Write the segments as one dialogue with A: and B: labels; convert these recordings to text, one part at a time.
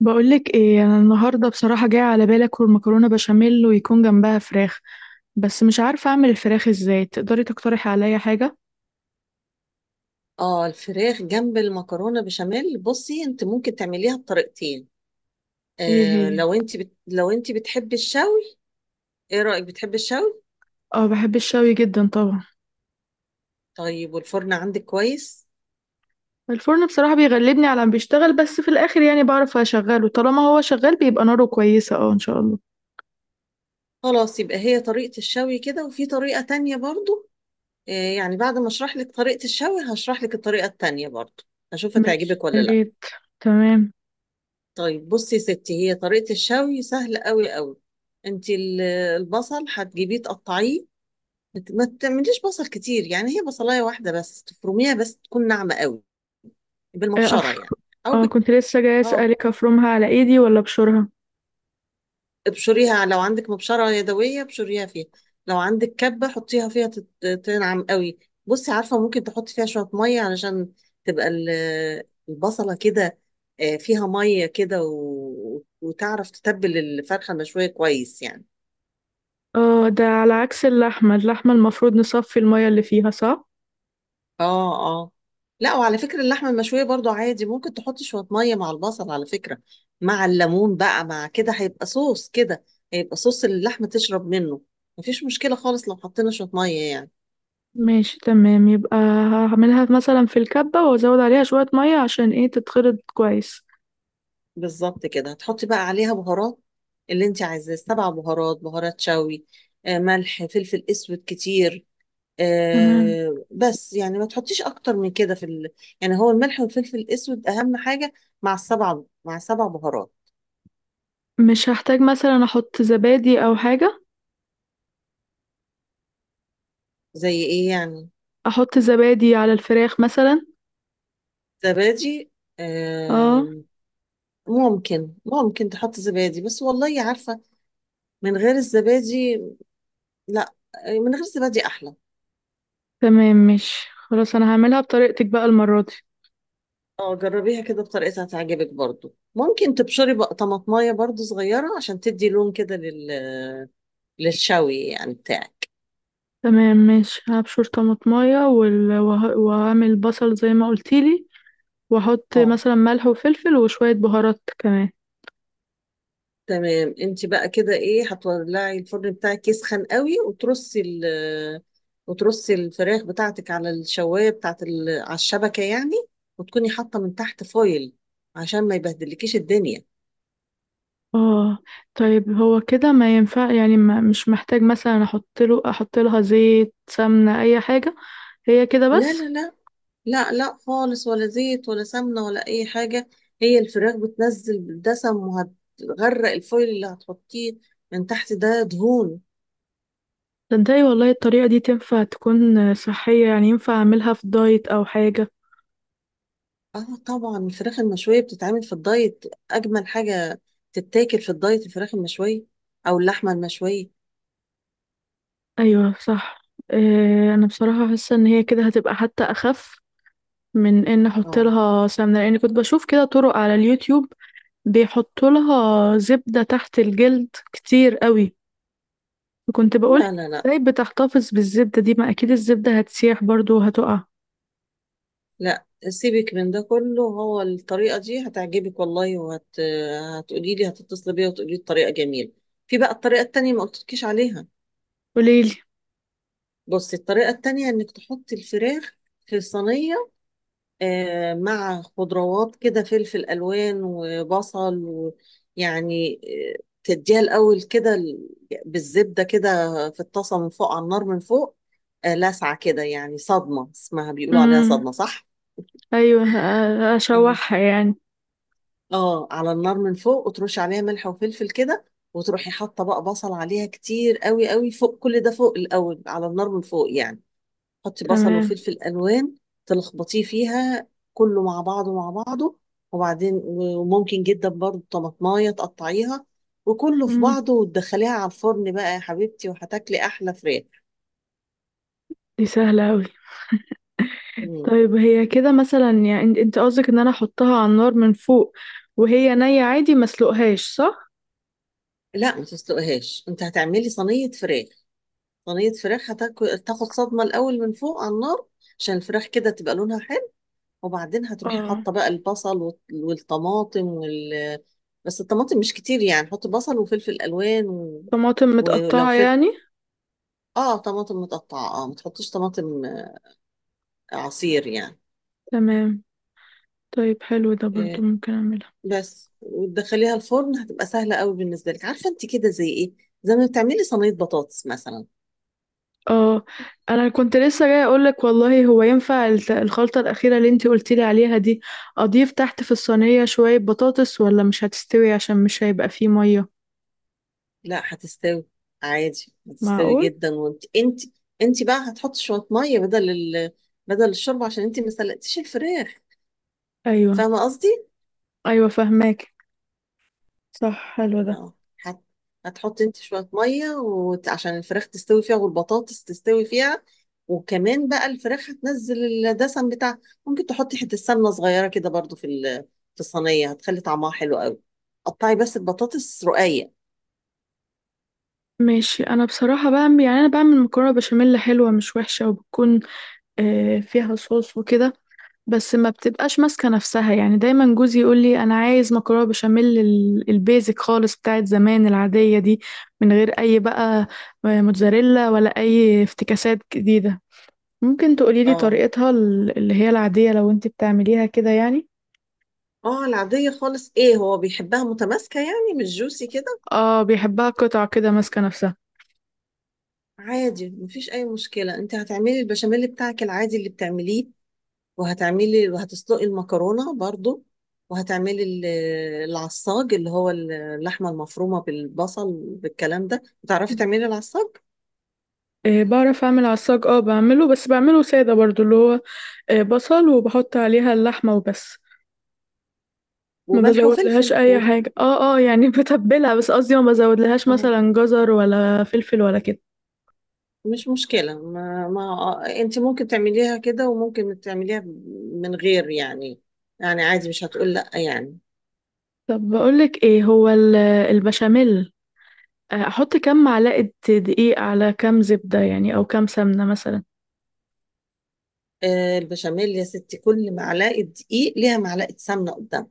A: بقولك ايه انا النهارده بصراحه جاي على بالي اكل مكرونه بشاميل ويكون جنبها فراخ. بس مش عارفه اعمل الفراخ ازاي، تقدري تقترحي عليا حاجه؟
B: اه، الفراخ جنب المكرونه بشاميل. بصي، انت ممكن تعمليها بطريقتين.
A: ايه هي؟
B: لو انت لو انت بتحبي الشوي. ايه رايك؟ بتحبي الشوي؟
A: اه، بحب الشوي جدا طبعا.
B: طيب، والفرن عندك كويس؟
A: الفرن بصراحه بيغلبني على ما بيشتغل، بس في الاخر يعني بعرف اشغله، طالما هو شغال بيبقى ناره كويسه، اه ان شاء الله.
B: خلاص، يبقى هي طريقه الشوي كده، وفي طريقه تانية برضو. آه يعني بعد ما اشرح لك طريقه الشوي هشرح لك الطريقه التانية برضو. اشوف
A: ماشي،
B: هتعجبك ولا
A: يا
B: لا.
A: ريت. تمام.
B: طيب بصي يا ستي، هي طريقه الشوي سهله قوي قوي. انت ال- البصل هتجيبيه تقطعيه. ما تعمليش بصل كتير، يعني هي بصلايه واحده بس تفرميها، بس تكون ناعمه قوي.
A: ايه
B: بالمبشره يعني. او
A: اه،
B: بك...
A: كنت لسه جاي
B: اه،
A: اسالك افرمها على ايدي ولا بشورها؟
B: ابشريها. لو عندك مبشره يدويه ابشريها فيها. لو عندك كبه حطيها فيها تنعم قوي. بصي عارفه، ممكن تحطي فيها شويه ميه علشان تبقى ال- البصله كده فيها ميه كده وتعرف تتبل الفرخه المشويه كويس يعني.
A: اه، ده على عكس اللحمه، اللحمه المفروض نصفي الميه اللي فيها، صح؟
B: اه، اه، لا، وعلى فكرة اللحمة المشوية برضو عادي ممكن تحط شوية مية مع البصل على فكرة. مع الليمون بقى، مع كده هيبقى صوص كده. هيبقى صوص اللي اللحمة تشرب منه. مفيش مشكلة خالص لو حطينا شوية مية يعني.
A: ماشي تمام، يبقى هعملها مثلا في الكبة وازود عليها شوية مية عشان ايه تتخلط كويس.
B: بالظبط كده. هتحطي بقى عليها بهارات اللي انت عايزاه، سبع بهارات، بهارات شوي، ملح، فلفل اسود كتير،
A: تمام.
B: بس يعني ما تحطيش اكتر من كده في ال... يعني هو الملح والفلفل الاسود اهم حاجة. مع السبع، مع سبع بهارات.
A: مش هحتاج مثلا احط زبادي او حاجة؟
B: زي ايه يعني؟
A: احط زبادي على الفراخ مثلا.
B: زبادي؟
A: اه.
B: آه، ممكن تحط زبادي، بس والله عارفة، من غير الزبادي، لا، من غير الزبادي أحلى.
A: تمام ماشي، خلاص انا هعملها بطريقتك بقى المرة دي.
B: اه جربيها كده بطريقتها هتعجبك برضو. ممكن تبشري بقى طماطمايه برضو صغيرة عشان تدي لون كده لل... للشوي يعني بتاعك.
A: تمام ماشي، هبشر طماطمية وهعمل بصل زي ما قلتيلي، واحط
B: اه،
A: مثلا ملح وفلفل وشوية بهارات كمان.
B: تمام. انت بقى كده ايه، هتولعي الفرن بتاعك يسخن قوي وترصي ال وترصي الفراخ بتاعتك على الشوايه بتاعت ال... على الشبكه يعني، وتكوني حاطه من تحت فويل عشان ما يبهدلكيش الدنيا.
A: اه. طيب هو كده ما ينفع؟ يعني ما مش محتاج مثلا احط لها زيت سمنة اي حاجة؟ هي كده
B: لا
A: بس؟
B: لا لا، لا لا خالص، ولا زيت ولا سمنه ولا اي حاجه. هي الفراخ بتنزل بالدسم وهتغرق الفويل اللي هتحطيه من تحت، ده دهون.
A: تصدقي والله الطريقة دي تنفع تكون صحية؟ يعني ينفع اعملها في دايت او حاجة؟
B: اه طبعا، الفراخ المشوية بتتعمل في الدايت. أجمل حاجة تتاكل في الدايت الفراخ المشوية، أو اللحمة المشوية.
A: ايوه صح. إيه، انا بصراحة حاسة ان هي كده هتبقى حتى اخف من ان احط
B: اه.
A: لها سمنة، لان كنت بشوف كده طرق على اليوتيوب بيحطوا لها زبدة تحت الجلد كتير قوي. كنت بقولك
B: لا لا لا،
A: ازاي بتحتفظ بالزبدة دي؟ ما اكيد الزبدة هتسيح برضو وهتقع.
B: لا سيبك من ده كله، هو الطريقة دي هتعجبك والله. هتقولي لي، هتتصلي بيا وتقولي لي الطريقة جميلة. في بقى الطريقة التانية ما قلتلكيش عليها.
A: قوليلي.
B: بصي، الطريقة التانية إنك تحطي الفراخ في صينية مع خضروات كده، فلفل الوان وبصل، ويعني تديها الاول كده بالزبده كده في الطاسه من فوق، على النار من فوق، لسعه كده، يعني صدمه اسمها، بيقولوا عليها
A: امم.
B: صدمه، صح؟
A: ايوه،
B: اه،
A: اشوحها يعني.
B: اه، على النار من فوق، وترش عليها ملح وفلفل كده، وتروحي حاطه بقى بصل عليها كتير قوي قوي، فوق كل ده، فوق الاول على النار من فوق يعني. حطي بصل
A: تمام.
B: وفلفل الوان. تلخبطيه فيها كله مع بعضه، مع بعضه. وبعدين، وممكن جدا برضو طماطمايه تقطعيها، وكله في
A: امم.
B: بعضه، وتدخليها على الفرن بقى يا حبيبتي، وهتاكلي احلى فراخ.
A: دي سهلة اوي.
B: مم.
A: طيب هي كده مثلا يعني، انت قصدك ان انا احطها على النار من فوق وهي نية، عادي ما اسلقهاش صح؟
B: لا ما تسلقهاش، انت هتعملي صينيه فراخ. صينيه فراخ هتاكل تاخد صدمه الاول من فوق على النار، عشان الفراخ كده تبقى لونها حلو. وبعدين هتروحي
A: اه،
B: حاطه بقى البصل والطماطم وال، بس الطماطم مش كتير، يعني حطي بصل وفلفل الوان
A: طماطم
B: ولو
A: متقطعة
B: فلفل.
A: يعني.
B: اه طماطم متقطعه. اه ما تحطيش طماطم عصير يعني.
A: تمام. طيب حلو، ده برضو
B: إيه
A: ممكن اعمله.
B: بس، وتدخليها الفرن، هتبقى سهله قوي بالنسبه لك. عارفه، انت كده زي ايه؟ زي ما بتعملي صينيه بطاطس مثلا.
A: اه، انا كنت لسه جاي اقولك والله، هو ينفع الخلطة الأخيرة اللي انتي قلتيلي عليها دي اضيف تحت في الصينية شوية بطاطس؟ ولا مش هتستوي عشان مش هيبقى فيه مية؟
B: لا هتستوي، عادي هتستوي
A: معقول.
B: جدا. وانت انت بقى هتحطي شويه ميه بدل ال... بدل الشوربه عشان انت ما سلقتيش الفراخ.
A: ايوه.
B: فاهمه قصدي؟
A: ايوه فهماك. صح، حلو ده.
B: اه، هت... هتحط انت شوية مية عشان الفراخ تستوي فيها والبطاطس تستوي فيها. وكمان بقى، الفراخ هتنزل الدسم بتاعها. ممكن تحطي حتة سمنة صغيرة كده برضو في ال... في الصينية، هتخلي طعمها حلو قوي. قطعي بس البطاطس رقيق.
A: ماشي، انا بصراحة بعمل، يعني انا بعمل مكرونة بشاميل حلوة مش وحشة وبتكون فيها صوص وكده. بس ما بتبقاش ماسكة نفسها يعني، دايما جوزي يقول لي انا عايز مكرونة بشاميل البيزك خالص بتاعت زمان العادية دي، من غير اي بقى موتزاريلا ولا اي افتكاسات جديدة. ممكن تقولي لي
B: اه.
A: طريقتها اللي هي العادية لو انت بتعمليها كده يعني؟
B: اه، العادية خالص ايه، هو بيحبها متماسكة يعني مش جوسي كده؟
A: اه، بيحبها قطع كده ماسكة نفسها.
B: عادي مفيش اي مشكلة، انت هتعملي البشاميل بتاعك العادي اللي بتعمليه، وهتعملي وهتسلقي المكرونة برضو. وهتعملي العصاج، اللي هو اللحمة المفرومة بالبصل بالكلام ده. بتعرفي تعملي العصاج؟
A: بعرف اعمل عصاج، اه بعمله، بس بعمله سادة برضو، اللي هو بصل وبحط عليها اللحمة وبس. ما
B: وملح
A: بزود لهاش
B: وفلفل
A: اي
B: و...
A: حاجة، اه اه يعني بتبلها بس، قصدي ما بزود لهاش
B: اه
A: مثلا جزر ولا فلفل ولا كده.
B: مش مشكلة، ما، انت ممكن تعمليها كده، وممكن تعمليها من غير يعني. يعني عادي مش هتقول لا يعني.
A: طب بقولك ايه، هو البشاميل، احط كام معلقة دقيق على كام زبدة يعني، او كام سمنة مثلا؟
B: آه البشاميل يا ستي، كل معلقة دقيق ليها معلقة سمنة قدام.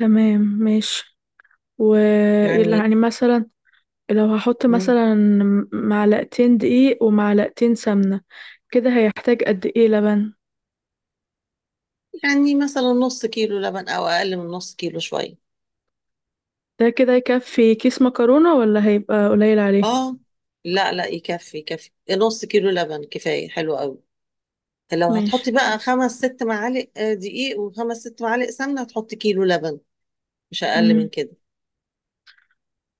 A: تمام ماشي. و،
B: يعني.
A: يعني مثلا، لو هحط
B: مم،
A: مثلا معلقتين دقيق ومعلقتين سمنة، كده هيحتاج قد ايه لبن؟
B: يعني مثلا نص كيلو لبن او اقل من نص كيلو شوية.
A: ده كده يكفي كيس مكرونة ولا هيبقى قليل عليه؟
B: اه لا لا يكفي، يكفي نص كيلو لبن كفاية، حلو قوي. لو
A: ماشي
B: هتحطي بقى
A: كويس.
B: خمس ست معالق دقيق وخمس ست معالق سمنة، هتحطي كيلو لبن. مش أقل من
A: مم.
B: كده.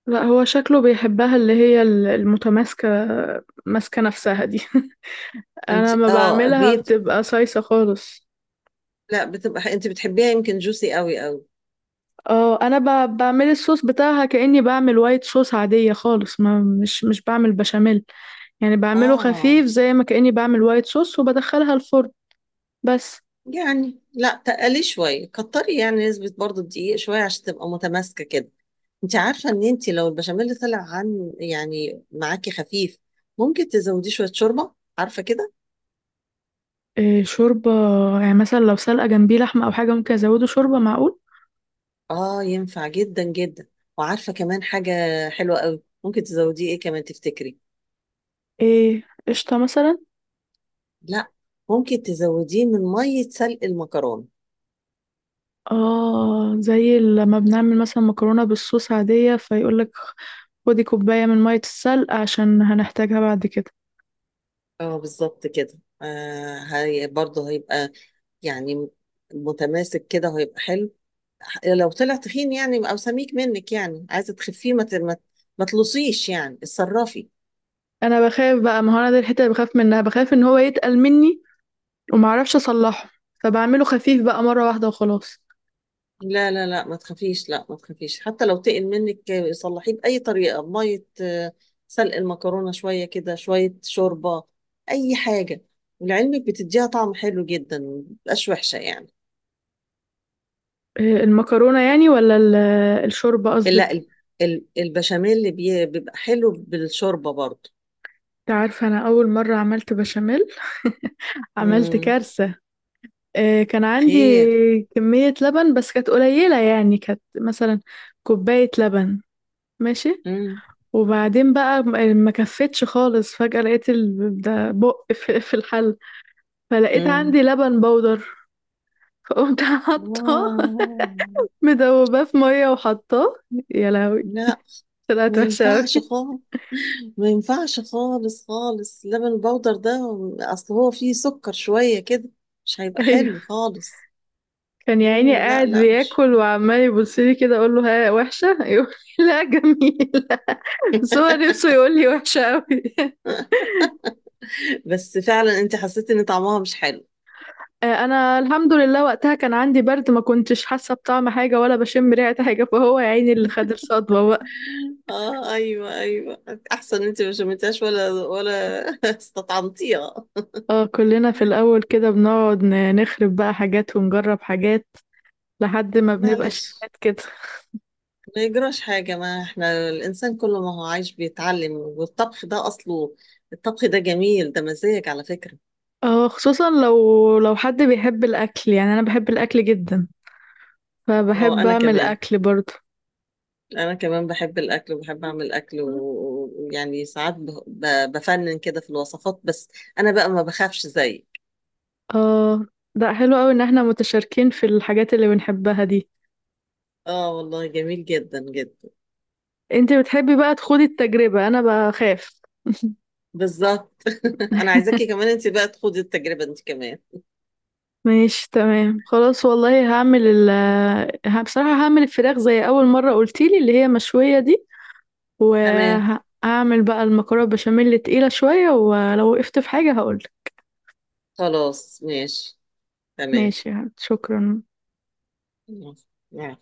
A: لا، هو شكله بيحبها اللي هي المتماسكة، ماسكة نفسها دي انا ما
B: انت اه،
A: بعملها
B: هي
A: بتبقى صيصة خالص.
B: لا بتبقى، انت بتحبيها يمكن جوسي قوي قوي.
A: اه، انا بعمل الصوص بتاعها كأني بعمل وايت صوص عادية خالص، ما مش بعمل بشاميل. يعني بعمله
B: اه
A: خفيف زي ما كأني بعمل وايت صوص وبدخلها الفرن بس.
B: يعني لا، تقلي شوية، كتري يعني نسبة برضو الدقيق شوية عشان تبقى متماسكة كده. انت عارفة ان انت لو البشاميل طلع عن يعني معاكي خفيف، ممكن تزوديه شوية شوربة، عارفة كده؟
A: إيه شوربة؟ يعني مثلا لو سلقة جنبي لحمة او حاجة ممكن ازوده شوربة؟ معقول.
B: اه ينفع جدا جدا. وعارفة كمان حاجة حلوة قوي، ممكن تزوديه ايه كمان، تفتكري؟
A: ايه قشطة مثلا؟
B: لا، ممكن تزوديه من مية سلق المكرونة.
A: اه، زي لما بنعمل مثلا مكرونة بالصوص عادية فيقولك خدي كوباية من مية السلق عشان هنحتاجها بعد كده.
B: اه بالظبط كده. آه هي برضه هيبقى يعني متماسك كده وهيبقى حلو. لو طلع تخين يعني او سميك منك، يعني عايزة تخفيه، ما تلصيش يعني، اتصرفي.
A: انا بخاف بقى، ما هو انا دي الحتة اللي بخاف منها، بخاف ان هو يتقل مني ومعرفش اصلحه، فبعمله خفيف بقى مرة واحدة وخلاص.
B: لا لا لا ما تخافيش، لا ما تخافيش، حتى لو تقل منك صلحيه بأي طريقة، بمية سلق المكرونة شوية كده، شوية شوربة، أي حاجة. ولعلمك بتديها طعم حلو جدا، ما بتبقاش وحشة يعني.
A: إيه، المكرونة يعني؟ ولا الشوربة
B: لا
A: قصدك؟
B: البشاميل اللي بيبقى حلو بالشوربة برضه.
A: انت عارفة انا اول مرة عملت بشاميل عملت
B: مم.
A: كارثة. كان عندي
B: خير.
A: كمية لبن بس كانت قليلة، يعني كانت مثلا كوباية لبن. ماشي.
B: مم.
A: وبعدين بقى ما كفتش خالص، فجأة لقيت ده بق في الحل. فلقيت
B: مم.
A: عندي لبن بودر. فقمت حاطاه
B: آه.
A: مدوباه في مية وحطاه. يا لهوي،
B: لا
A: طلعت
B: ما
A: وحشة
B: ينفعش
A: أوي.
B: خالص. ما ينفعش خالص خالص لبن البودر ده، اصل هو فيه سكر شوية كده، مش هيبقى
A: أيوه.
B: حلو خالص.
A: كان يا عيني
B: لا
A: قاعد
B: لا، مش.
A: بياكل وعمال يبصلي كده أقول له ها وحشة؟ يقول لي لا جميلة. بس هو نفسه يقول لي وحشة أوي
B: بس فعلا انت حسيت ان طعمها مش حلو؟
A: أنا الحمد لله وقتها كان عندي برد، ما كنتش حاسة بطعم حاجة ولا بشم ريحة حاجة، فهو يا عيني اللي خد الصدمة بقى.
B: اه ايوه ايوه. احسن انت ما شمتهاش، ولا ولا استطعمتيها.
A: اه كلنا في الأول كده بنقعد نخرب بقى حاجات ونجرب حاجات، لحد ما بنبقى
B: معلش،
A: شيفات كده.
B: ما يجراش حاجة، ما احنا الانسان كل ما هو عايش بيتعلم. والطبخ ده اصله، الطبخ ده جميل، ده مزاج على فكرة.
A: اه خصوصا لو حد بيحب الأكل يعني، أنا بحب الأكل جدا،
B: اه
A: فبحب
B: انا
A: أعمل
B: كمان،
A: أكل برضه.
B: انا كمان بحب الاكل وبحب اعمل اكل ويعني ساعات بفنن كده في الوصفات، بس انا بقى ما بخافش زيك.
A: اه، ده حلو أوي إن احنا متشاركين في الحاجات اللي بنحبها دي.
B: اه والله جميل جدا جدا.
A: انت بتحبي بقى تخوضي التجربة، أنا بخاف
B: بالظبط. انا عايزاكي كمان انت بقى تخوضي التجربة انت كمان.
A: ماشي تمام خلاص والله، هعمل بصراحة هعمل الفراخ زي أول مرة قلتيلي اللي هي مشوية دي.
B: تمام
A: وهعمل بقى المكرونة بشاميل تقيلة شوية، ولو وقفت في حاجة هقولك.
B: خلاص ماشي. تمام.
A: ماشي يا حبيبتي، شكرا.
B: يلا.